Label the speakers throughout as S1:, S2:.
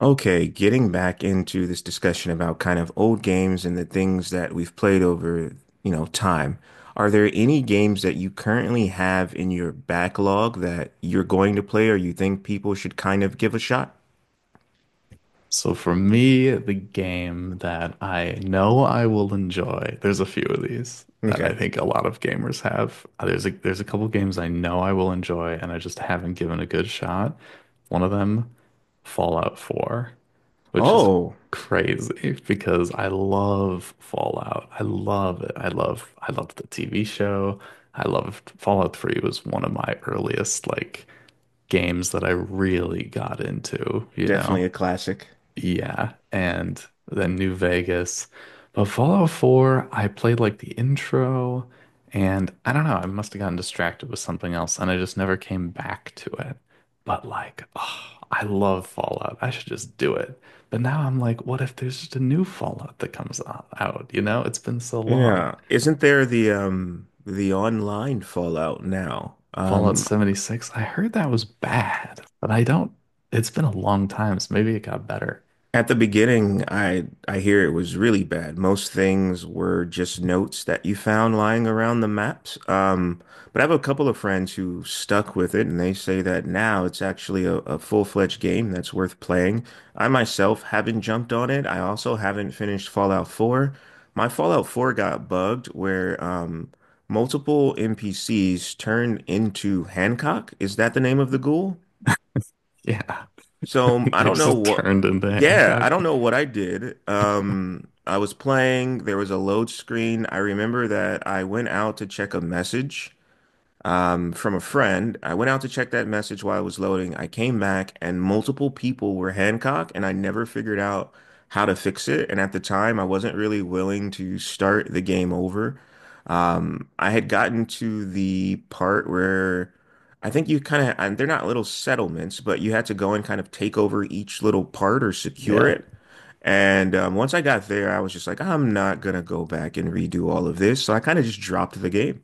S1: Okay, getting back into this discussion about kind of old games and the things that we've played over, you know, time. Are there any games that you currently have in your backlog that you're going to play or you think people should kind of give a shot?
S2: So for me, the game that I know I will enjoy, there's a few of these that I
S1: Okay.
S2: think a lot of gamers have. There's a couple games I know I will enjoy and I just haven't given a good shot. One of them, Fallout 4, which is
S1: Oh,
S2: crazy because I love Fallout. I love it. I loved the TV show. I loved Fallout 3 was one of my earliest, like, games that I really got into, you
S1: definitely
S2: know.
S1: a classic.
S2: Yeah, and then New Vegas. But Fallout 4, I played like the intro, and I don't know, I must have gotten distracted with something else, and I just never came back to it. But like, oh, I love Fallout. I should just do it. But now I'm like, what if there's just a new Fallout that comes out? You know, it's been so long.
S1: Yeah. Isn't there the online Fallout now?
S2: Fallout 76, I heard that was bad, but I don't, it's been a long time, so maybe it got better.
S1: At the beginning, I hear it was really bad. Most things were just notes that you found lying around the maps. But I have a couple of friends who stuck with it, and they say that now it's actually a full-fledged game that's worth playing. I myself haven't jumped on it. I also haven't finished Fallout 4. My Fallout 4 got bugged where multiple NPCs turned into Hancock. Is that the name of the ghoul?
S2: Yeah.
S1: So I
S2: They
S1: don't know
S2: just
S1: what,
S2: turned into
S1: yeah, I
S2: Hancock.
S1: don't know what I did. I was playing, there was a load screen. I remember that I went out to check a message from a friend. I went out to check that message while it was loading. I came back and multiple people were Hancock, and I never figured out how to fix it. And at the time, I wasn't really willing to start the game over. I had gotten to the part where I think you kind of, and they're not little settlements, but you had to go and kind of take over each little part or secure
S2: Yeah.
S1: it. And once I got there, I was just like, I'm not gonna go back and redo all of this. So I kind of just dropped the game.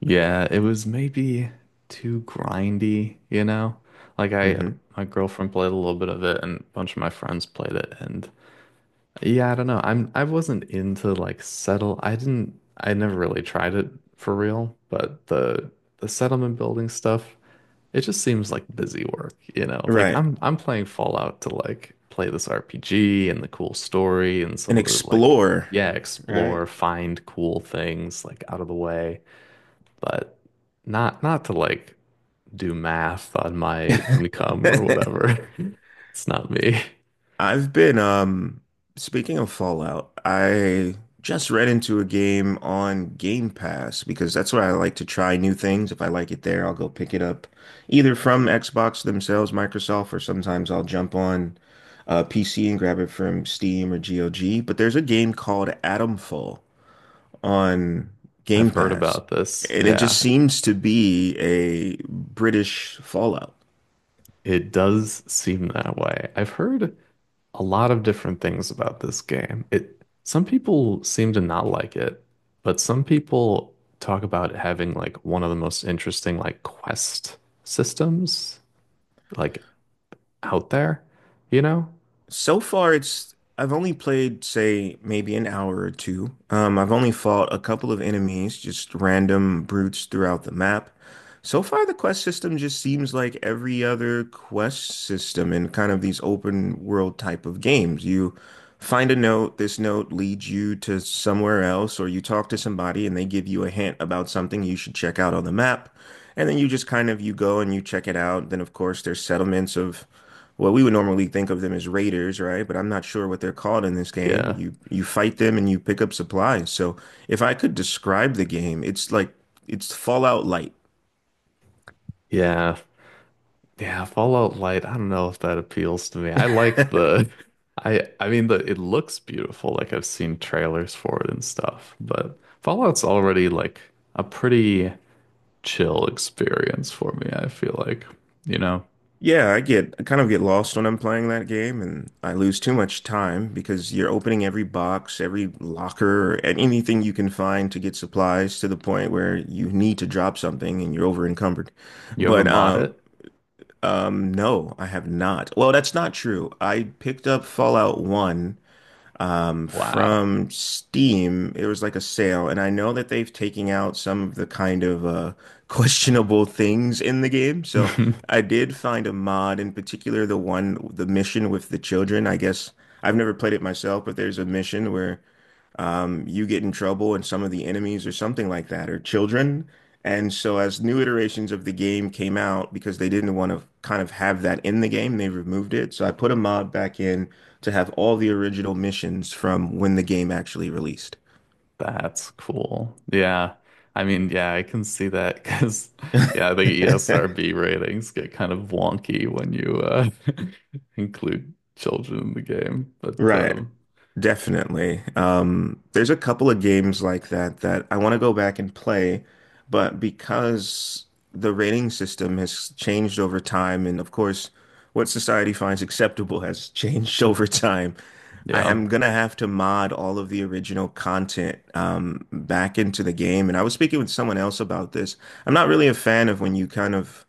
S2: Yeah, it was maybe too grindy, you know? Like I
S1: hmm
S2: my girlfriend played a little bit of it and a bunch of my friends played it, and yeah, I don't know. I wasn't into like settle. I never really tried it for real, but the settlement building stuff, it just seems like busy work, you know? Like
S1: Right.
S2: I'm playing Fallout to like play this RPG and the cool story and some
S1: An
S2: of the like
S1: explorer,
S2: yeah,
S1: right?
S2: explore, find cool things like out of the way, but not to like do math on my income or whatever. It's not me.
S1: I've been speaking of Fallout, I just read into a game on Game Pass because that's where I like to try new things. If I like it there, I'll go pick it up either from Xbox themselves, Microsoft, or sometimes I'll jump on PC and grab it from Steam or GOG. But there's a game called Atomfall on
S2: I've
S1: Game
S2: heard
S1: Pass,
S2: about this.
S1: and it just
S2: Yeah,
S1: seems to be a British Fallout.
S2: it does seem that way. I've heard a lot of different things about this game. It some people seem to not like it, but some people talk about it having like one of the most interesting like quest systems, like, out there, you know?
S1: So far, it's I've only played, say, maybe an hour or two. I've only fought a couple of enemies, just random brutes throughout the map. So far, the quest system just seems like every other quest system in kind of these open world type of games. You find a note, this note leads you to somewhere else, or you talk to somebody and they give you a hint about something you should check out on the map. And then you just kind of you go and you check it out. Then, of course, there's settlements of well, we would normally think of them as raiders, right? But I'm not sure what they're called in this game.
S2: Yeah.
S1: You fight them and you pick up supplies. So if I could describe the game, it's like it's Fallout Light.
S2: Yeah, Yeah, Fallout Light, I don't know if that appeals to me. I like the I mean the it looks beautiful, like I've seen trailers for it and stuff, but Fallout's already like a pretty chill experience for me, I feel like. You know,
S1: Yeah, I kind of get lost when I'm playing that game and I lose too much time because you're opening every box, every locker, and anything you can find to get supplies to the point where you need to drop something and you're over encumbered.
S2: you ever
S1: But
S2: mod it?
S1: no, I have not. Well, that's not true. I picked up Fallout 1
S2: Wow.
S1: from Steam. It was like a sale, and I know that they've taken out some of the kind of questionable things in the game. So I did find a mod, in particular the mission with the children. I guess I've never played it myself, but there's a mission where you get in trouble and some of the enemies or something like that are children. And so as new iterations of the game came out, because they didn't want to kind of have that in the game, they removed it. So I put a mod back in to have all the original missions from when the game actually released.
S2: That's cool. Yeah. I mean, yeah, I can see that because yeah, the ESRB ratings get kind of wonky when you include children in the game. But
S1: Right.
S2: um
S1: Definitely. There's a couple of games like that that I want to go back and play, but because the rating system has changed over time, and of course, what society finds acceptable has changed over time, I
S2: yeah.
S1: am gonna have to mod all of the original content back into the game. And I was speaking with someone else about this. I'm not really a fan of when you kind of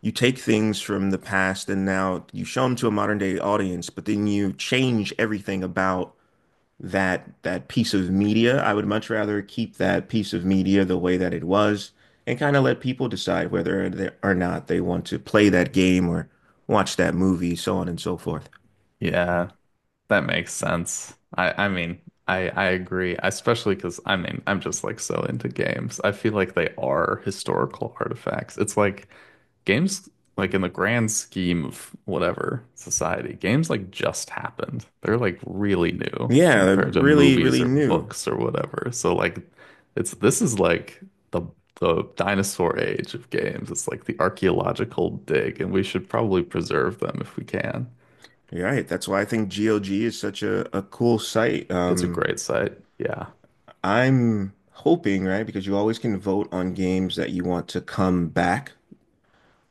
S1: you take things from the past and now you show them to a modern day audience, but then you change everything about that piece of media. I would much rather keep that piece of media the way that it was and kind of let people decide whether they, or not they want to play that game or watch that movie, so on and so forth.
S2: Yeah, that makes sense. I mean, I agree, especially because I mean, I'm just like so into games. I feel like they are historical artifacts. It's like games like in the grand scheme of whatever society, games like just happened. They're like really new
S1: Yeah,
S2: compared to
S1: really,
S2: movies
S1: really
S2: or
S1: new.
S2: books or whatever. So like it's this is like the the dinosaur age of games. It's like the archaeological dig, and we should probably preserve them if we can.
S1: You're right. That's why I think GLG is such a cool site.
S2: It's a great site. Yeah.
S1: I'm hoping, right, because you always can vote on games that you want to come back.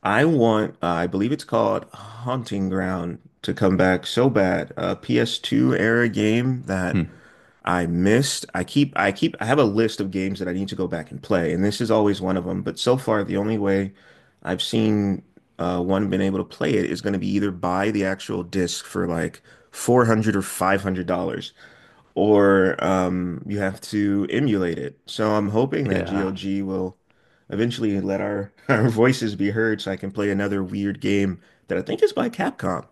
S1: I want, I believe it's called Haunting Ground to come back so bad. A PS2 era game that
S2: Hmm.
S1: I missed. I have a list of games that I need to go back and play, and this is always one of them. But so far, the only way I've seen one been able to play it is going to be either buy the actual disc for like 400 or $500 or you have to emulate it. So I'm hoping that
S2: Yeah.
S1: GOG will eventually let our voices be heard so I can play another weird game that I think is by Capcom.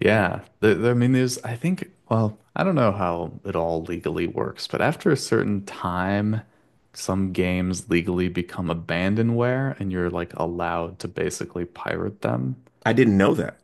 S2: Yeah. I mean, there's, I think, well, I don't know how it all legally works, but after a certain time, some games legally become abandonware and you're like allowed to basically pirate them.
S1: I didn't know that.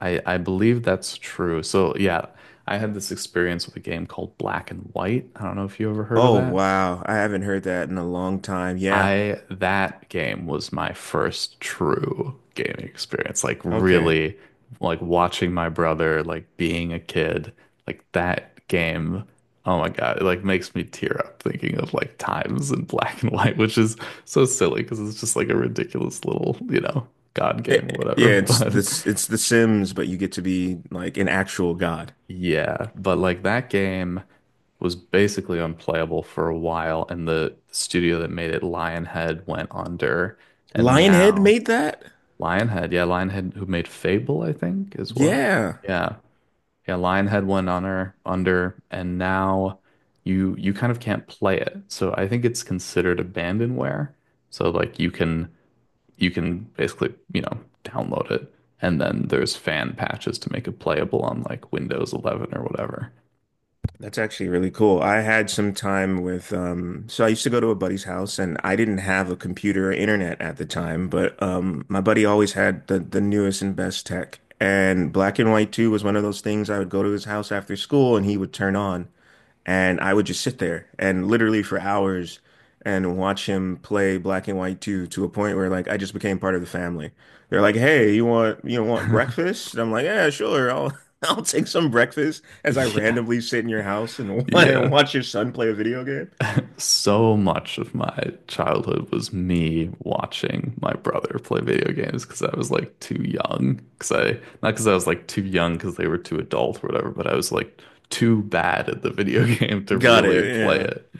S2: I believe that's true. So, yeah, I had this experience with a game called Black and White. I don't know if you ever heard of
S1: Oh,
S2: that.
S1: wow. I haven't heard that in a long time. Yeah.
S2: I that game was my first true gaming experience. Like
S1: Okay.
S2: really like watching my brother like being a kid, like that game. Oh my God, it like makes me tear up thinking of like times in black and white, which is so silly because it's just like a ridiculous little, you know, God game or whatever.
S1: Yeah, it's
S2: But
S1: this it's The Sims, but you get to be like an actual god.
S2: yeah, but like that game was basically unplayable for a while and the studio that made it, Lionhead, went under. And
S1: Lionhead
S2: now
S1: made that?
S2: Lionhead, yeah, Lionhead who made Fable, I think, as well.
S1: Yeah.
S2: Yeah. Yeah, Lionhead went on her under and now you kind of can't play it. So I think it's considered abandonware. So like you can basically, you know, download it and then there's fan patches to make it playable on like Windows 11 or whatever.
S1: That's actually really cool. I had some time with, so I used to go to a buddy's house and I didn't have a computer or internet at the time, but my buddy always had the newest and best tech. And Black and White 2 was one of those things I would go to his house after school and he would turn on. And I would just sit there and literally for hours and watch him play Black and White 2 to a point where like I just became part of the family. They're like, "Hey, you want breakfast?" And I'm like, "Yeah, sure. I'll I'll take some breakfast as I
S2: Yeah.
S1: randomly sit in your house and
S2: Yeah.
S1: watch your son play a video game."
S2: So much of my childhood was me watching my brother play video games because I was like too young. Because I, not because I was like too young because they were too adult or whatever, but I was like too bad at the video game to
S1: Got
S2: really
S1: it.
S2: play
S1: Yeah.
S2: it.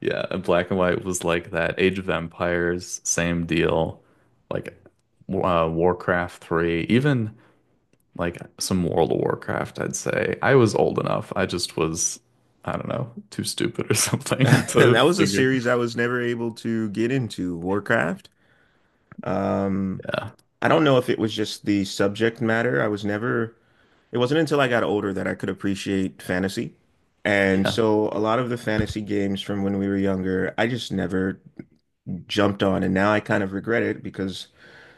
S2: Yeah, and Black and White was like that. Age of Empires, same deal. Like Warcraft 3, even like some World of Warcraft, I'd say. I was old enough. I just was. I don't know, too stupid or something to
S1: That was a
S2: figure
S1: series I was never able to get into, Warcraft. Um,
S2: Yeah.
S1: I don't know if it was just the subject matter. I was never it wasn't until I got older that I could appreciate fantasy. And
S2: Yeah.
S1: so a lot of the fantasy games from when we were younger, I just never jumped on. And now I kind of regret it because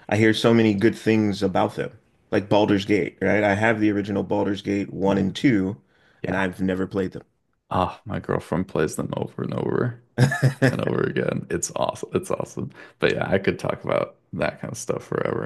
S1: I hear so many good things about them. Like Baldur's Gate, right? I have the original Baldur's Gate 1 and 2, and
S2: Yeah.
S1: I've never played
S2: Oh, my girlfriend plays them over and over
S1: them.
S2: and over again. It's awesome. It's awesome. But yeah, I could talk about that kind of stuff forever.